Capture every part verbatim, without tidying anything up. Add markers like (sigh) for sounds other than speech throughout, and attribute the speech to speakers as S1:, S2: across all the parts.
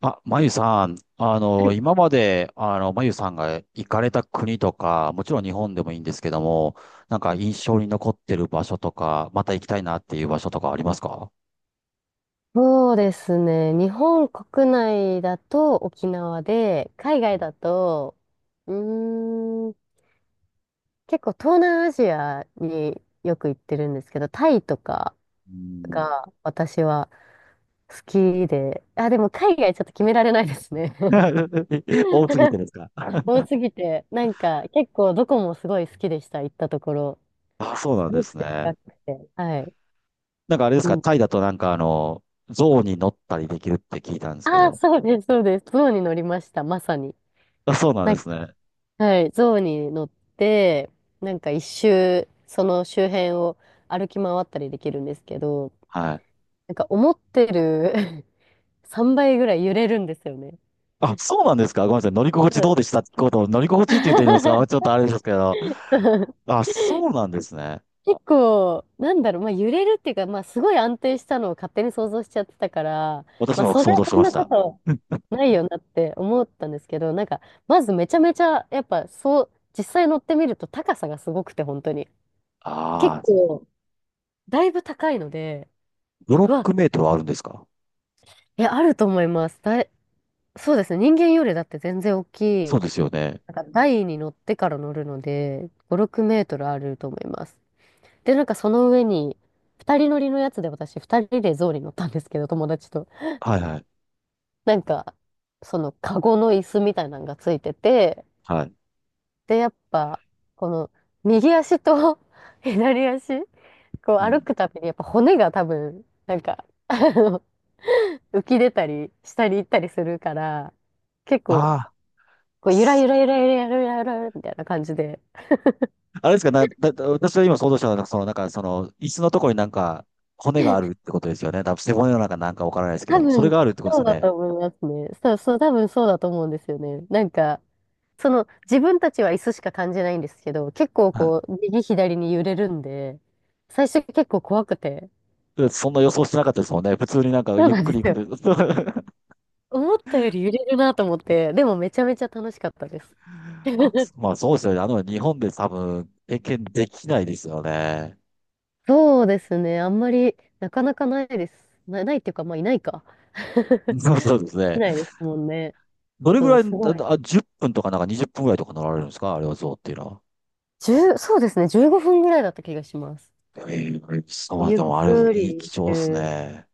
S1: あ、まゆさん、あ
S2: は
S1: の、
S2: い
S1: 今まで、あの、まゆさんが行かれた国とか、もちろん日本でもいいんですけども、なんか印象に残ってる場所とか、また行きたいなっていう場所とかありますか？
S2: そうですね。日本国内だと沖縄で、海外だと、うーん、結構東南アジアによく行ってるんですけど、タイとか
S1: うん。
S2: が私は好きで、あ、でも海外ちょっと決められないですね。
S1: (laughs) 多すぎて
S2: (laughs)
S1: ですか？
S2: 多すぎて、なんか結構どこもすごい好きでした、行ったところ。
S1: あ、そうな
S2: す
S1: んで
S2: ごく
S1: す
S2: 近
S1: ね。
S2: くて。はい。
S1: なんかあれです
S2: う
S1: か、
S2: ん。
S1: タイだとなんかあの、象に乗ったりできるって聞いたんですけ
S2: ああ、
S1: ど。
S2: そうです、そうです。象に乗りました、まさに。
S1: あ、そうなんですね。
S2: はい、象に乗って、なんかいっしゅう、その周辺を歩き回ったりできるんですけど、
S1: はい。
S2: なんか思ってる (laughs) さんばいぐらい揺れるんですよね。
S1: あ、そうなんですか、ごめんなさい。乗り心地
S2: う
S1: ど
S2: ん。
S1: うでしたってことを、乗り心地って言っていいんですか、ちょっと
S2: (laughs)
S1: あれですけど。あ、そうなんですね。
S2: 結構、なんだろう、まあ揺れるっていうか、まあすごい安定したのを勝手に想像しちゃってたから、
S1: 私
S2: まあ
S1: も
S2: それ
S1: 想
S2: は
S1: 像し
S2: そん
S1: まし
S2: なこ
S1: た。
S2: と
S1: うん。
S2: ないよなって思ったんですけど、なんか、まずめちゃめちゃ、やっぱそう、実際乗ってみると高さがすごくて、本当に。結
S1: ああ、
S2: 構、だいぶ高いので、
S1: ブロ
S2: う
S1: ッ
S2: わ、
S1: クメイトはあるんですか？
S2: え、あると思います。だい、そうですね。人間よりだって全然大き
S1: そ
S2: い。
S1: うですよね。
S2: なんか台に乗ってから乗るので、ご、ろくメートルあると思います。で、なんかその上に、ふたりのりのやつで私、二人で象に乗ったんですけど、友達と。
S1: はいはい。
S2: なんか、そのカゴの椅子みたいなのがついてて、
S1: はい。
S2: で、やっぱ、この右足と (laughs) 左足、こう
S1: う
S2: 歩
S1: ん。
S2: くたびに、やっぱ骨が多分、なんか、あの浮き出たり、下に行ったりするから、結構、
S1: ああ、
S2: こう、ゆら
S1: す
S2: ゆらゆらゆらゆらゆらゆらゆらみたいな感じで。
S1: あれですか、な、だ、だ私は今想像したのは、その、なんか、その、椅子のところになんか、骨があるってことですよね。多分背骨の中なんかわからないですけ
S2: 多
S1: ど、それ
S2: 分、
S1: があるってことです
S2: そ
S1: よ
S2: うだ
S1: ね。
S2: と思いますね。そう、そう、多分そうだと思うんですよね。なんか、その、自分たちは椅子しか感じないんですけど、結構
S1: はい。
S2: こう、右左に揺れるんで、最初結構怖くて。
S1: そんな予想してなかったですもんね。普通になんか
S2: そう
S1: ゆっ
S2: なん
S1: く
S2: で
S1: り
S2: す
S1: 行
S2: よ。
S1: く。(laughs)
S2: 思ったより揺れるなと思って、でもめちゃめちゃ楽しかったです。
S1: あ、
S2: (laughs)
S1: まあそうですよね。あの、日本で多分経験できないですよね。
S2: そうですね。あんまり、なかなかないです。な、ないっていうか、まあ、いないか。(laughs)
S1: そう、そうです
S2: い
S1: ね。
S2: ないですもんね。
S1: どれ
S2: う
S1: ぐ
S2: ん、
S1: らい、
S2: すごい。
S1: あ、あじゅっぷんとかなんかにじゅっぷんぐらいとか乗られるんですか、あれは象っていうのは。
S2: いちそうですね、じゅうごふんぐらいだった気がします。
S1: ええ、そう、
S2: ゆっ
S1: でもあれ、
S2: く
S1: いい、
S2: りし
S1: 貴重
S2: て
S1: っす
S2: る。
S1: ね。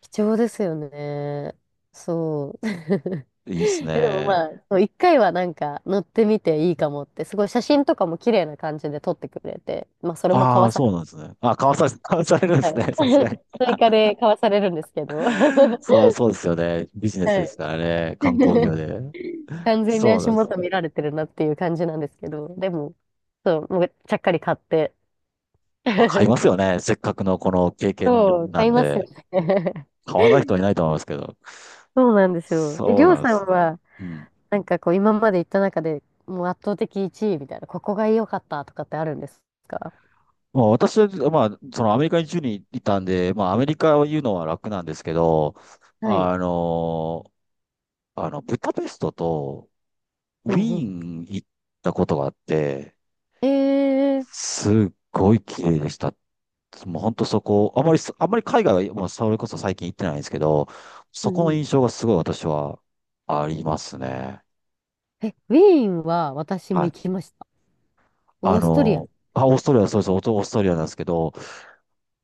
S2: 貴重ですよね。そう。(laughs)
S1: いいっす
S2: え、でもま
S1: ね。
S2: あ、そういっかいはなんか乗ってみていいかもって、すごい写真とかも綺麗な感じで撮ってくれて、まあそれも買
S1: あ
S2: わ
S1: あ、
S2: さ
S1: そう
S2: れ、
S1: なんですね。あ、買わされ、(laughs) 買わされるんで
S2: は
S1: す
S2: い。
S1: ね。さすがに。
S2: (laughs) 追加で買わされるんですけど、(laughs) は
S1: そう、そうですよね。ビジネスです
S2: い。
S1: からね。観光業
S2: (laughs)
S1: で。
S2: 完全に
S1: そうな
S2: 足
S1: んです。
S2: 元見られてるなっていう感じなんですけど、でも、そう、もうちゃっかり買って。
S1: まあ買いま
S2: (laughs)
S1: すよね。せっかくのこの経験
S2: そう、(laughs)
S1: な
S2: 買い
S1: ん
S2: ますよ
S1: で。
S2: ね。
S1: 買わない人はいないと思いますけど。
S2: そうなんですよ。え、
S1: そ
S2: り
S1: う
S2: ょう
S1: なんで
S2: さ
S1: す。
S2: んは、
S1: うん。
S2: なんかこう、今まで行った中でもう圧倒的いちいみたいな、ここが良かったとかってあるんですか？
S1: まあ、私は、まあ、そのアメリカにじゅういたんで、まあ、アメリカを言うのは楽なんですけど、
S2: はい。
S1: あの、あの、ブダペストと
S2: う
S1: ウ
S2: んう
S1: ィー
S2: ん。
S1: ン行ったことがあって、
S2: えー、
S1: すっごい綺麗でした。もう本当そこ、あまり、あまり海外は、もうそれこそ最近行ってないんですけど、
S2: う
S1: そこの
S2: んう
S1: 印
S2: ん。
S1: 象がすごい私はありますね。
S2: え、ウィーンは私も
S1: はい。
S2: 行きました。
S1: あ
S2: オーストリア。
S1: の、あ、オーストラリア、そうです、オーストラリアなんですけど、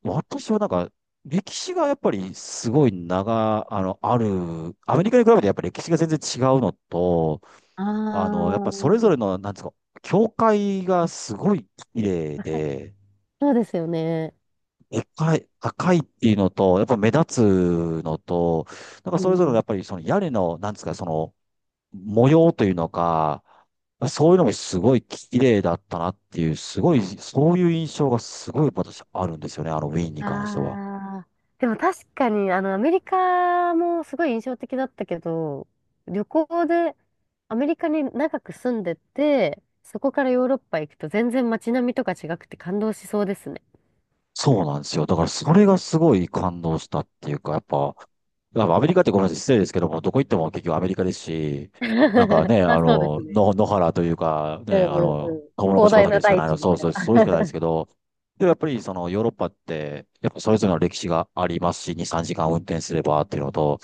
S1: 私はなんか、歴史がやっぱりすごい長、あの、ある、アメリカに比べてやっぱり歴史が全然違うのと、
S2: あ
S1: あの、やっぱそれぞ
S2: あ、
S1: れの、なんですか、教会がすごい綺麗で、
S2: そうですよね。
S1: でかい、高いっていうのと、やっぱ目立つのと、なんか
S2: う
S1: それ
S2: ん
S1: ぞれの
S2: う
S1: や
S2: ん。
S1: っぱりその屋根の、なんですか、その模様というのか、そういうのもすごい綺麗だったなっていう、すごい、そういう印象がすごい私あるんですよね、あのウィーンに関しては。
S2: ああ、でも確かに、あの、アメリカもすごい印象的だったけど、旅行でアメリカに長く住んでて、そこからヨーロッパ行くと全然街並みとか違くて感動しそうですね。
S1: そうなんですよ。だからそれがすごい感動したっていうか、やっぱ、やっぱアメリカってごめんなさい、失礼ですけども、どこ行っても結局アメリカですし、なんか
S2: (laughs)
S1: ね、あ
S2: あ、そうで
S1: の、
S2: すね。
S1: の野原というか、
S2: う
S1: ね、
S2: ん
S1: あ
S2: うんう
S1: の、
S2: ん。
S1: トウモロコ
S2: 広
S1: シ
S2: 大
S1: 畑
S2: な
S1: しか
S2: 大
S1: ないの、
S2: 地み
S1: そう
S2: た
S1: そう、
S2: い
S1: そうしかないです
S2: な。(laughs) 確
S1: けど、でもやっぱりそのヨーロッパって、やっぱそれぞれの歴史がありますし、に、さんじかん運転すればっていうのと、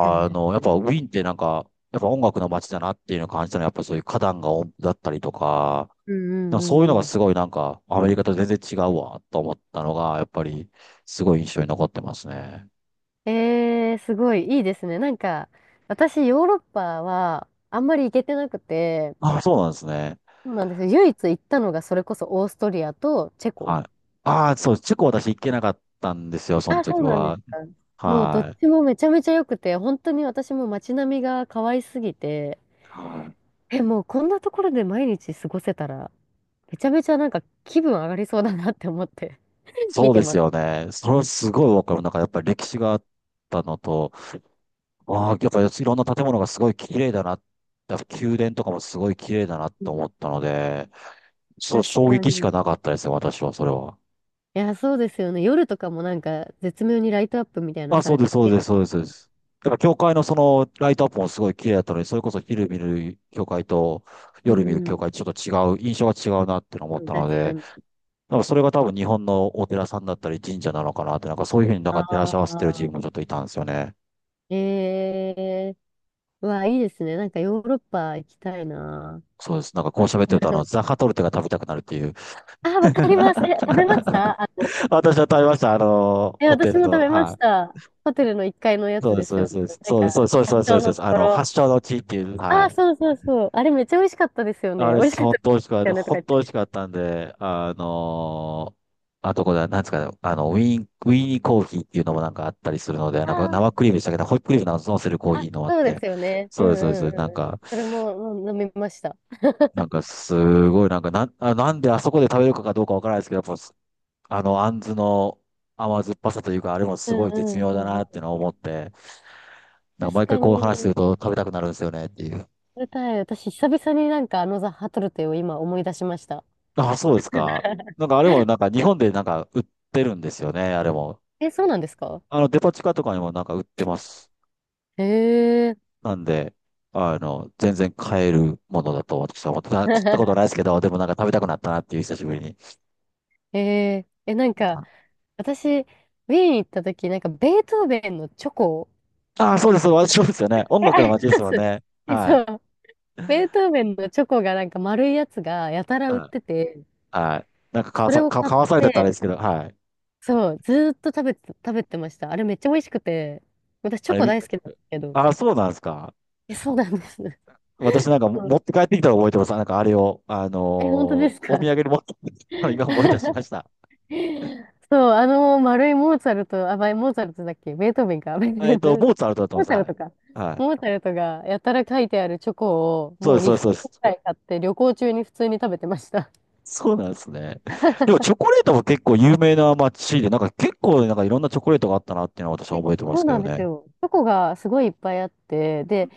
S2: かに確
S1: の、やっ
S2: かに。
S1: ぱウィーンってなんか、やっぱ音楽の街だなっていうのを感じたのは、やっぱそういう花壇が多だったりとか、
S2: うんう
S1: なん
S2: んう
S1: かそういうの
S2: んう
S1: が
S2: ん。
S1: すごいなんか、アメリカと全然違うわ、と思ったのが、やっぱり、すごい印象に残ってますね。
S2: えー、すごいいいですね。なんか、私、ヨーロッパはあんまり行けてなくて、
S1: あ、そうなんですね。
S2: そうなんですよ。唯一行ったのがそれこそオーストリアとチェコ。
S1: はい。ああ、そう、チェコ私行けなかったんですよ、その
S2: あ、そ
S1: 時
S2: うなんです
S1: は。
S2: か？もうどっ
S1: はい。
S2: ちもめちゃめちゃ良くて、本当に私も街並みが可愛すぎて、
S1: はい。
S2: え、もうこんなところで毎日過ごせたら、めちゃめちゃなんか気分上がりそうだなって思って (laughs) 見
S1: そう
S2: て
S1: です
S2: ます。
S1: よね。それはすごいわかる。なんかやっぱり歴史があったのと、ああ、やっぱりいろんな建物がすごい綺麗だな。やっぱ宮殿とかもすごい綺麗だな
S2: う
S1: と
S2: ん、
S1: 思ったので、そう、
S2: 確
S1: 衝
S2: か
S1: 撃し
S2: に。い
S1: かなかったですよ、私は、それは。
S2: や、そうですよね。夜とかもなんか絶妙にライトアップみたいなの
S1: あ、
S2: さ
S1: そう
S2: れ
S1: で
S2: て
S1: す、
S2: き
S1: そう
S2: てる
S1: で
S2: て。
S1: す、
S2: で
S1: そ
S2: す
S1: うです、そうで
S2: よ。
S1: す。だから教会のそのライトアップもすごい綺麗だったので、それこそ昼見る教会と
S2: う
S1: 夜見る
S2: んう
S1: 教会
S2: ん。
S1: ちょっと違う、印象が違うなってのを思っ
S2: うん、
S1: たの
S2: 確か
S1: で、
S2: に。
S1: なんかそれが多分日本のお寺さんだったり神社なのかなって、なんかそういうふうになんか照らし
S2: あ
S1: 合わせてる自分もちょ
S2: あ。
S1: っといたんですよね。
S2: ええー、うわ、いいですね。なんかヨーロッパ行きたいな。
S1: そうです。なんかこう喋ってると、あの、ザ
S2: (laughs)
S1: カトルテが食べたくなるっていう。
S2: あ、わかります。え、食べまし
S1: (laughs)
S2: たあの、
S1: 私は食べました、あの、
S2: え、
S1: ホテ
S2: 私
S1: ル
S2: も食
S1: の。
S2: べま
S1: は
S2: し
S1: い。
S2: た。ホテルのいっかいのや
S1: そう
S2: つ
S1: で
S2: で
S1: す、そ
S2: すよね。
S1: うです、
S2: なん
S1: そう
S2: か、
S1: です、そうです、そうです、そう
S2: 発
S1: です、そう
S2: 祥
S1: です、そうで
S2: の
S1: す、
S2: と
S1: あ
S2: こ
S1: の、
S2: ろ。
S1: 発祥の地っていう、は
S2: あ、
S1: い。
S2: そうそうそう。あれめっちゃ美味しかったですよね。
S1: あれ、
S2: 美味しかっ
S1: 本
S2: たで
S1: 当美味しかっ
S2: すよ
S1: た。
S2: ねとか
S1: 本
S2: 言っ
S1: 当美
S2: て。
S1: 味しかったんで、あのーあとこれは、なんですかね、あの、ウィーン、ウィーニーコーヒーっていうのもなんかあったりするので、
S2: あ
S1: なんか生
S2: ー
S1: クリームでしたけど、ホイップクリームなんか乗せるコーヒ
S2: あ、
S1: ーのもあっ
S2: そうで
S1: て、
S2: すよね。う
S1: そ
S2: ん
S1: うです、そうで
S2: うん
S1: す。なん
S2: うんうん。
S1: か、
S2: それもうん飲みました。
S1: なんかすごい、なんかなん、あ、なんであそこで食べるかどうかわからないですけど、やっぱあの、あんずの甘酸っぱさというか、あれも
S2: う
S1: す
S2: ん
S1: ごい
S2: う
S1: 絶
S2: ん
S1: 妙
S2: う
S1: だ
S2: ん
S1: なっ
S2: う
S1: ていう
S2: ん。
S1: のを思って、なんか
S2: 確
S1: 毎回
S2: か
S1: こう話する
S2: に、
S1: と食べたくなるんですよねっていう。
S2: 食べたい。私、久々になんかあのザ・ハトルテを今思い出しました。
S1: あ、そうですか。なん
S2: (laughs)
S1: かあれもなんか日本でなんか売ってるんですよね、あれも。
S2: え、そうなんですか？
S1: あの、デパ地下とかにもなんか売ってます。
S2: へえ。
S1: なんで、あの、全然買えるものだと私は思ってた。食ったことないで
S2: (laughs)
S1: すけど、でもなんか食べたくなったなっていう久しぶりに。
S2: ええ。え、なんか、私、ウィーン行った時、なんかベートーベンのチョコ、
S1: ああ、そうです。私そうですよね。
S2: え、
S1: 音楽
S2: あ
S1: の
S2: りま
S1: 街ですよ
S2: す。
S1: ね。
S2: え
S1: はい。
S2: そう、ベートーベンのチョコがなんか丸いやつがやたら売っ
S1: はい。
S2: てて、
S1: はい。なんかかわ
S2: それ
S1: さ、
S2: を
S1: か、
S2: 買っ
S1: かわされてたらあれで
S2: て、
S1: すけど、はい。
S2: そう、ずーっと食べて、食べてました。あれめっちゃ美味しくて、私チ
S1: あ
S2: ョ
S1: れ
S2: コ
S1: み、
S2: 大好きなんですけど。
S1: ああ、そうなんですか。
S2: え、そうなんです。う
S1: 私なんかも持っ
S2: ん。
S1: て帰ってきたら覚えてます。なんかあれを、あ
S2: え、本当で
S1: のー
S2: す
S1: お土
S2: か？
S1: 産に持って帰ってきたの (laughs) 今思い出しま
S2: (laughs)
S1: した。
S2: そう、あの丸いモーツァルト、あ、まあモーツァルトだっけベートーベンか。(laughs) ベート
S1: えっ
S2: ーベ
S1: と、
S2: ン、
S1: モーツァルトだと
S2: モ
S1: 思
S2: ー
S1: い
S2: ツ
S1: ま
S2: ァ
S1: す。
S2: ル
S1: は
S2: トか。
S1: い。は
S2: モ
S1: い。
S2: ーツァルトがやたら書いてあるチョコを
S1: そう
S2: も
S1: で
S2: う
S1: す、そ
S2: に
S1: うです、
S2: 袋
S1: そうで
S2: く
S1: す。
S2: らい買って旅行中に普通に食べてました。
S1: そうなんですね。でもチョ
S2: (laughs)
S1: コレートも結構有名な街で、なんか結構なんかいろんなチョコレートがあったなっていうのは私は覚えてま
S2: そ
S1: す
S2: う
S1: け
S2: な
S1: ど
S2: んです
S1: ね。
S2: よ。チョコがすごいいっぱいあって、で、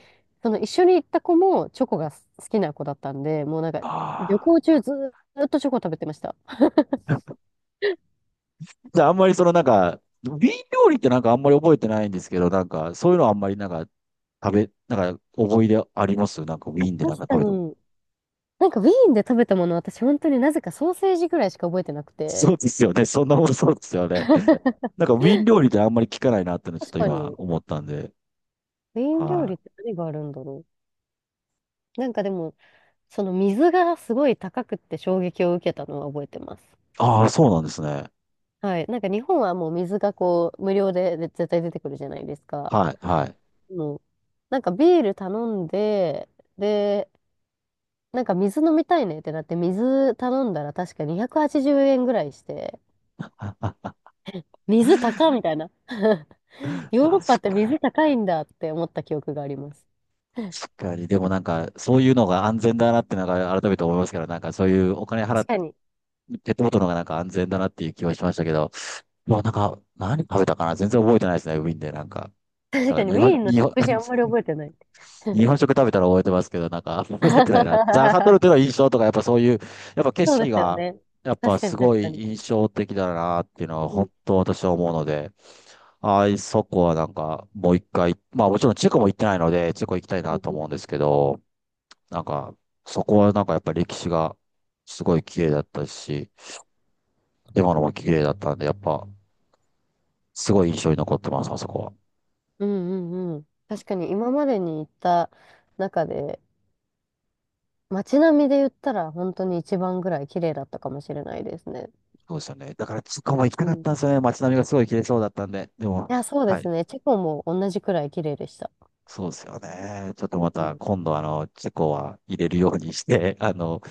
S2: その一緒に行った子もチョコが好きな子だったんで、もうなんか旅
S1: ああ。
S2: 行中ずーっとチョコ食べてました。
S1: (laughs) じゃああんまりそのなんか、瓶料理ってなんかあんまり覚えてないんですけど、なんかそういうのあんまりなんか食べ、なんか思い出ありますなんかウィ
S2: 確
S1: ーンでなんか
S2: か
S1: 食べても。
S2: に、なんかウィーンで食べたもの私本当になぜかソーセージぐらいしか覚えてなくて。
S1: そうですよね。そんなもんそうですよね。
S2: (laughs)
S1: なんかウィーン料理ってあんまり聞かないなっていうのちょっ
S2: 確
S1: と
S2: か
S1: 今
S2: に。
S1: 思ったんで。
S2: メイン料
S1: は
S2: 理っ
S1: い。
S2: て何があるんだろう。なんかでも、その水がすごい高くって衝撃を受けたのは覚えてます。
S1: ああ、そうなんですね。
S2: はい。なんか日本はもう水がこう、無料でで絶対出てくるじゃないですか。
S1: はい、はい。
S2: もう、なんかビール頼んで、で、なんか水飲みたいねってなって、水頼んだら確かにひゃくはちじゅうえんぐらいして、
S1: あ、
S2: 水高みたいな。(laughs) ヨーロ
S1: あ
S2: ッパ
S1: そっ
S2: って水
S1: か。
S2: 高いんだって思った記憶があります。
S1: 確かに、でもなんか、そういうのが安全だなってなんか改めて思いますから、なんかそういうお金払っ
S2: 確
S1: て、
S2: かに。
S1: ペットボトルの方がなんか安全だなっていう気はしましたけど、まあなんか、何食べたかな、全然覚えてないですね、ウィーンでなんか。
S2: 確
S1: だか
S2: かに
S1: ら日
S2: メ
S1: 本、
S2: インの
S1: 日本、
S2: 食事あんまり
S1: (laughs)
S2: 覚えてない。
S1: 日本
S2: (laughs)
S1: 食食べたら覚えてますけど、なんか覚えてないな。ザガトル
S2: (laughs)
S1: テの印象とか、やっぱそういう、やっぱ景
S2: そうで
S1: 色
S2: すよ
S1: が、
S2: ね。
S1: やっぱ
S2: 確か
S1: す
S2: に確
S1: ご
S2: か
S1: い
S2: に。
S1: 印象的だなっていうのは
S2: うん、
S1: 本当私は思うので、ああ、そこはなんかもう一回、まあもちろんチェコも行ってないので、チェコ行きたいなと思うんですけど、なんか、そこはなんかやっぱ歴史がすごい綺麗だったし、今のも綺麗だったんで、やっぱすごい印象に残ってます、あそこは。
S2: うん、うん、うん。確かに今までに行った中で、街並みで言ったら本当に一番ぐらい綺麗だったかもしれないですね。
S1: そうですよね。だから、そこも行きた
S2: う
S1: かっ
S2: ん。
S1: たんで
S2: い
S1: すよね。街並みがすごい綺麗そうだったんで。でも、
S2: や、そうで
S1: は
S2: す
S1: い。
S2: ね。チェコも同じくらい綺麗でした。
S1: そうですよね。ちょっとま
S2: う
S1: た、
S2: ん。
S1: 今度あの、チェコは入れるようにして、(laughs) あの、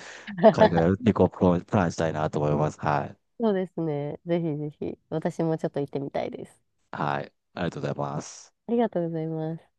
S1: 海外
S2: (laughs)
S1: 旅行をプランしたいなと思います。はい。
S2: そうですね。ぜひぜひ、私もちょっと行ってみたいです。
S1: はい。ありがとうございます。
S2: ありがとうございます。